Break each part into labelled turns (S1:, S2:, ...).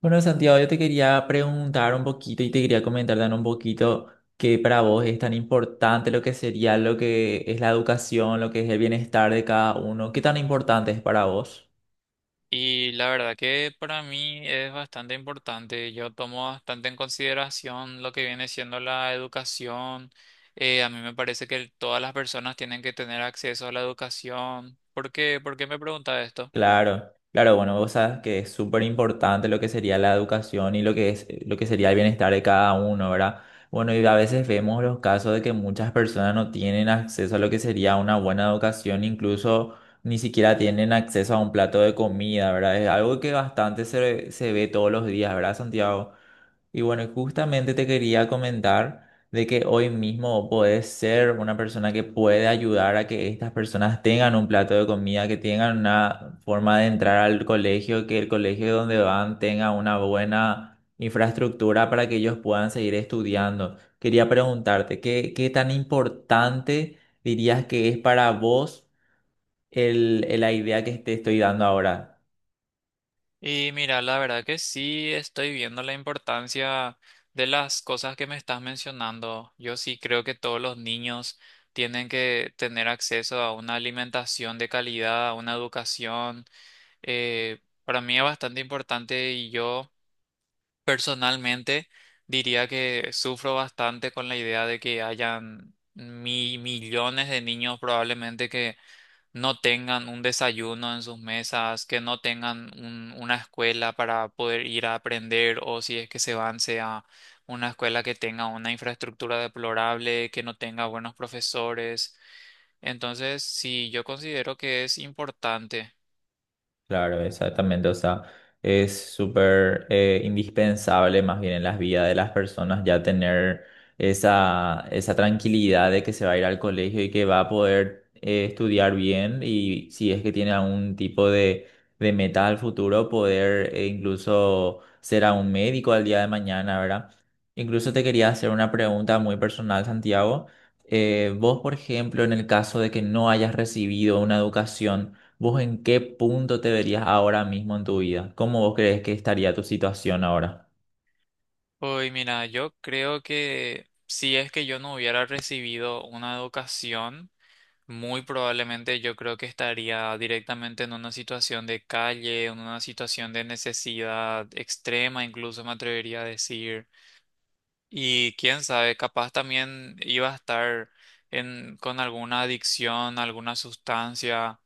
S1: Bueno, Santiago, yo te quería preguntar un poquito y te quería comentar también un poquito que para vos es tan importante lo que sería lo que es la educación, lo que es el bienestar de cada uno. ¿Qué tan importante es para vos?
S2: Y la verdad que para mí es bastante importante. Yo tomo bastante en consideración lo que viene siendo la educación. A mí me parece que todas las personas tienen que tener acceso a la educación. ¿Por qué? ¿Por qué me pregunta esto?
S1: Claro, claro, bueno, vos sabes que es súper importante lo que sería la educación y lo que es, lo que sería el bienestar de cada uno, ¿verdad? Bueno, y a veces vemos los casos de que muchas personas no tienen acceso a lo que sería una buena educación, incluso ni siquiera tienen acceso a un plato de comida, ¿verdad? Es algo que bastante se ve todos los días, ¿verdad, Santiago? Y bueno, y justamente te quería comentar de que hoy mismo podés ser una persona que puede ayudar a que estas personas tengan un plato de comida, que tengan una forma de entrar al colegio, que el colegio donde van tenga una buena infraestructura para que ellos puedan seguir estudiando. Quería preguntarte, ¿qué tan importante dirías que es para vos la idea que te estoy dando ahora?
S2: Y mira, la verdad que sí estoy viendo la importancia de las cosas que me estás mencionando. Yo sí creo que todos los niños tienen que tener acceso a una alimentación de calidad, a una educación. Para mí es bastante importante y yo personalmente diría que sufro bastante con la idea de que hayan millones de niños probablemente que no tengan un desayuno en sus mesas, que no tengan una escuela para poder ir a aprender, o si es que se van sea una escuela que tenga una infraestructura deplorable, que no tenga buenos profesores. Entonces sí, yo considero que es importante.
S1: Claro, exactamente. O sea, es súper indispensable más bien en las vidas de las personas ya tener esa tranquilidad de que se va a ir al colegio y que va a poder estudiar bien, y si es que tiene algún tipo de meta al futuro, poder incluso ser a un médico al día de mañana, ¿verdad? Incluso te quería hacer una pregunta muy personal, Santiago. Vos, por ejemplo, en el caso de que no hayas recibido una educación, ¿vos en qué punto te verías ahora mismo en tu vida? ¿Cómo vos crees que estaría tu situación ahora?
S2: Uy, mira, yo creo que si es que yo no hubiera recibido una educación, muy probablemente yo creo que estaría directamente en una situación de calle, en una situación de necesidad extrema, incluso me atrevería a decir. Y quién sabe, capaz también iba a estar en, con alguna adicción, alguna sustancia.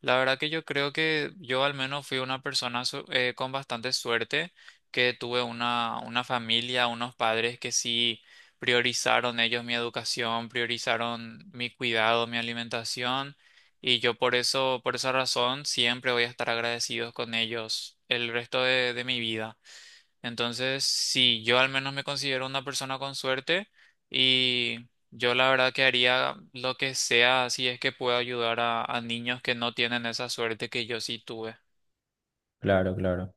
S2: La verdad que yo creo que yo al menos fui una persona con bastante suerte, que tuve una familia, unos padres que sí priorizaron ellos mi educación, priorizaron mi cuidado, mi alimentación. Y yo por eso, por esa razón, siempre voy a estar agradecidos con ellos el resto de mi vida. Entonces sí, yo al menos me considero una persona con suerte, y yo la verdad que haría lo que sea si es que puedo ayudar a niños que no tienen esa suerte que yo sí tuve.
S1: Claro, claro.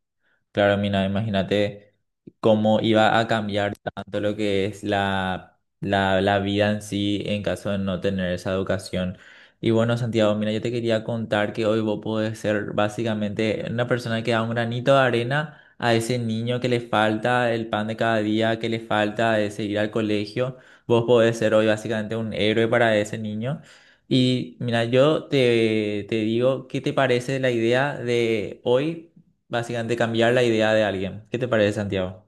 S1: Claro, mina, imagínate cómo iba a cambiar tanto lo que es la vida en sí en caso de no tener esa educación. Y bueno, Santiago, mira, yo te quería contar que hoy vos podés ser básicamente una persona que da un granito de arena a ese niño que le falta el pan de cada día, que le falta de seguir al colegio. Vos podés ser hoy básicamente un héroe para ese niño. Y mira, yo te digo, ¿qué te parece la idea de hoy? Básicamente cambiar la idea de alguien. ¿Qué te parece, Santiago?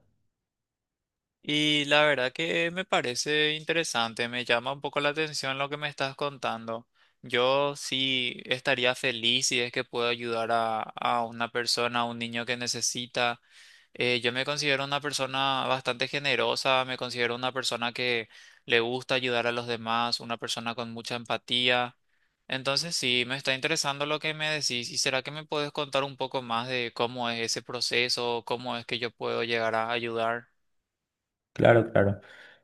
S2: Y la verdad que me parece interesante, me llama un poco la atención lo que me estás contando. Yo sí estaría feliz si es que puedo ayudar a una persona, a un niño que necesita. Yo me considero una persona bastante generosa, me considero una persona que le gusta ayudar a los demás, una persona con mucha empatía. Entonces sí, me está interesando lo que me decís. ¿Y será que me puedes contar un poco más de cómo es ese proceso, cómo es que yo puedo llegar a ayudar?
S1: Claro, claro.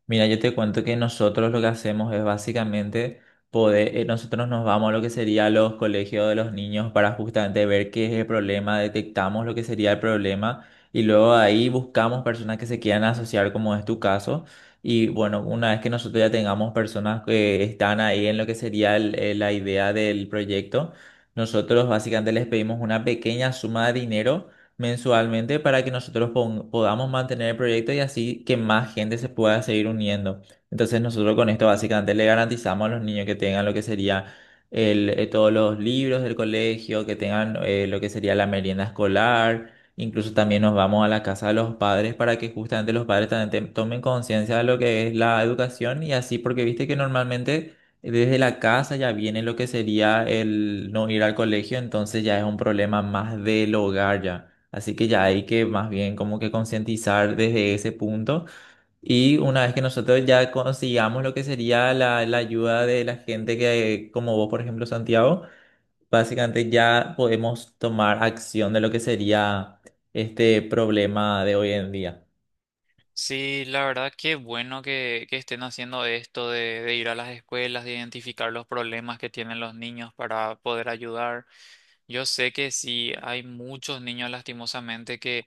S1: Mira, yo te cuento que nosotros lo que hacemos es básicamente poder, nosotros nos vamos a lo que sería los colegios de los niños para justamente ver qué es el problema, detectamos lo que sería el problema y luego ahí buscamos personas que se quieran asociar, como es tu caso. Y bueno, una vez que nosotros ya tengamos personas que están ahí en lo que sería la idea del proyecto, nosotros básicamente les pedimos una pequeña suma de dinero mensualmente para que nosotros podamos mantener el proyecto y así que más gente se pueda seguir uniendo. Entonces nosotros con esto básicamente le garantizamos a los niños que tengan lo que sería todos los libros del colegio, que tengan lo que sería la merienda escolar. Incluso también nos vamos a la casa de los padres para que justamente los padres también tomen conciencia de lo que es la educación y así, porque viste que normalmente desde la casa ya viene lo que sería el no ir al colegio, entonces ya es un problema más del hogar ya. Así que ya hay que más bien como que concientizar desde ese punto. Y una vez que nosotros ya consigamos lo que sería la ayuda de la gente que, como vos, por ejemplo, Santiago, básicamente ya podemos tomar acción de lo que sería este problema de hoy en día.
S2: Sí, la verdad que bueno que estén haciendo esto de ir a las escuelas, de identificar los problemas que tienen los niños para poder ayudar. Yo sé que sí, hay muchos niños lastimosamente que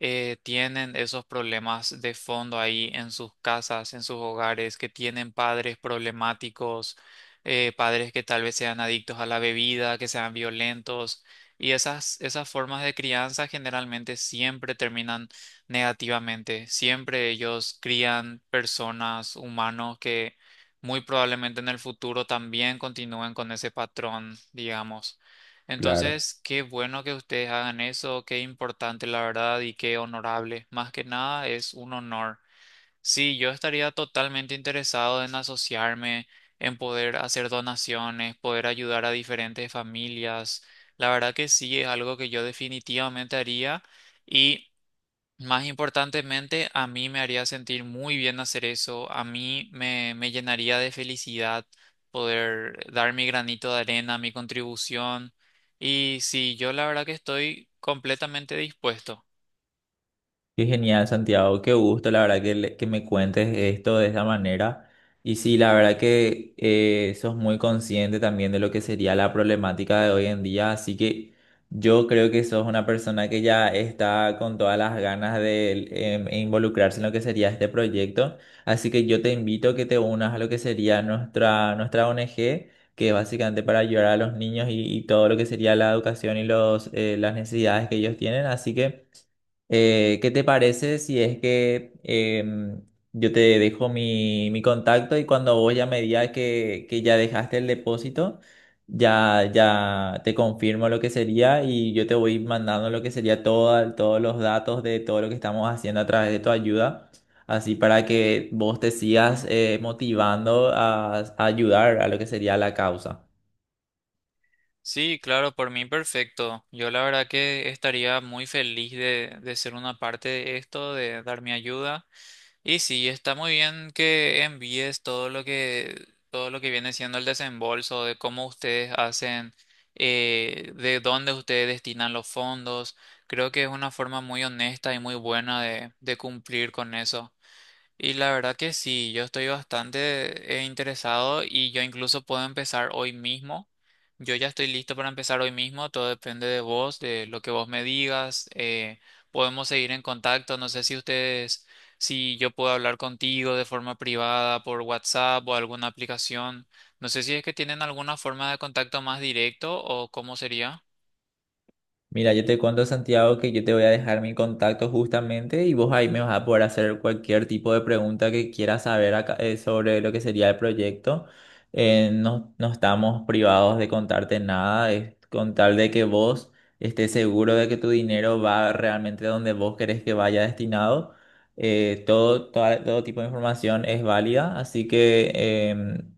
S2: tienen esos problemas de fondo ahí en sus casas, en sus hogares, que tienen padres problemáticos, padres que tal vez sean adictos a la bebida, que sean violentos, y esas, esas formas de crianza generalmente siempre terminan negativamente. Siempre ellos crían personas, humanos que muy probablemente en el futuro también continúen con ese patrón, digamos.
S1: Claro.
S2: Entonces, qué bueno que ustedes hagan eso, qué importante la verdad y qué honorable. Más que nada es un honor. Sí, yo estaría totalmente interesado en asociarme, en poder hacer donaciones, poder ayudar a diferentes familias. La verdad que sí, es algo que yo definitivamente haría, y más importantemente, a mí me haría sentir muy bien hacer eso, a mí me, me llenaría de felicidad poder dar mi granito de arena, mi contribución. Y sí, yo la verdad que estoy completamente dispuesto.
S1: Qué genial, Santiago. Qué gusto, la verdad, que me cuentes esto de esa manera. Y sí, la verdad que sos muy consciente también de lo que sería la problemática de hoy en día. Así que yo creo que sos una persona que ya está con todas las ganas de e involucrarse en lo que sería este proyecto. Así que yo te invito a que te unas a lo que sería nuestra ONG, que es básicamente para ayudar a los niños y todo lo que sería la educación y los, las necesidades que ellos tienen. Así que. ¿Qué te parece si es que yo te dejo mi contacto y cuando vos ya me digas que ya dejaste el depósito, ya te confirmo lo que sería y yo te voy mandando lo que sería todo, todos los datos de todo lo que estamos haciendo a través de tu ayuda, así para que vos te sigas motivando a ayudar a lo que sería la causa.
S2: Sí, claro, por mí perfecto. Yo la verdad que estaría muy feliz de ser una parte de esto, de dar mi ayuda. Y sí, está muy bien que envíes todo lo que viene siendo el desembolso, de cómo ustedes hacen, de dónde ustedes destinan los fondos. Creo que es una forma muy honesta y muy buena de cumplir con eso. Y la verdad que sí, yo estoy bastante interesado, y yo incluso puedo empezar hoy mismo. Yo ya estoy listo para empezar hoy mismo, todo depende de vos, de lo que vos me digas. Podemos seguir en contacto, no sé si ustedes, si yo puedo hablar contigo de forma privada por WhatsApp o alguna aplicación. No sé si es que tienen alguna forma de contacto más directo o cómo sería.
S1: Mira, yo te cuento, Santiago, que yo te voy a dejar mi contacto justamente y vos ahí me vas a poder hacer cualquier tipo de pregunta que quieras saber acá, sobre lo que sería el proyecto. No, no estamos privados de contarte nada, es con tal de que vos estés seguro de que tu dinero va realmente donde vos querés que vaya destinado. Todo tipo de información es válida, así que em,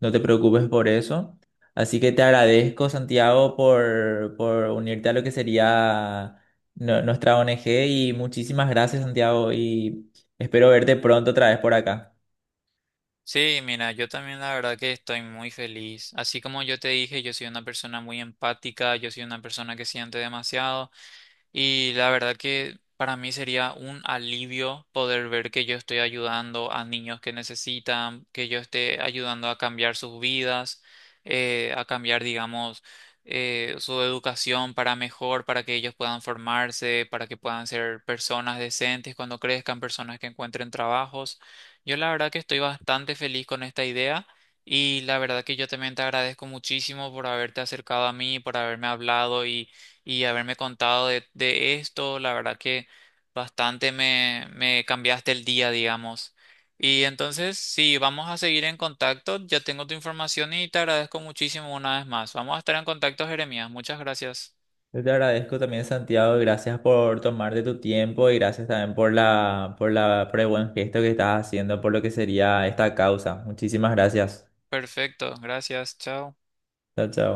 S1: no te preocupes por eso. Así que te agradezco, Santiago, por unirte a lo que sería nuestra ONG y muchísimas gracias, Santiago, y espero verte pronto otra vez por acá.
S2: Sí, mira, yo también la verdad que estoy muy feliz. Así como yo te dije, yo soy una persona muy empática, yo soy una persona que siente demasiado. Y la verdad que para mí sería un alivio poder ver que yo estoy ayudando a niños que necesitan, que yo esté ayudando a cambiar sus vidas, a cambiar, digamos, su educación para mejor, para que ellos puedan formarse, para que puedan ser personas decentes cuando crezcan, personas que encuentren trabajos. Yo la verdad que estoy bastante feliz con esta idea. Y la verdad que yo también te agradezco muchísimo por haberte acercado a mí, por haberme hablado y haberme contado de esto. La verdad que bastante me, me cambiaste el día, digamos. Y entonces sí, vamos a seguir en contacto. Ya tengo tu información y te agradezco muchísimo una vez más. Vamos a estar en contacto, Jeremías. Muchas gracias.
S1: Yo te agradezco también, Santiago, y gracias por tomarte tu tiempo y gracias también por la, por la, por el buen gesto que estás haciendo por lo que sería esta causa. Muchísimas gracias.
S2: Perfecto, gracias. Chao.
S1: Chao, chao.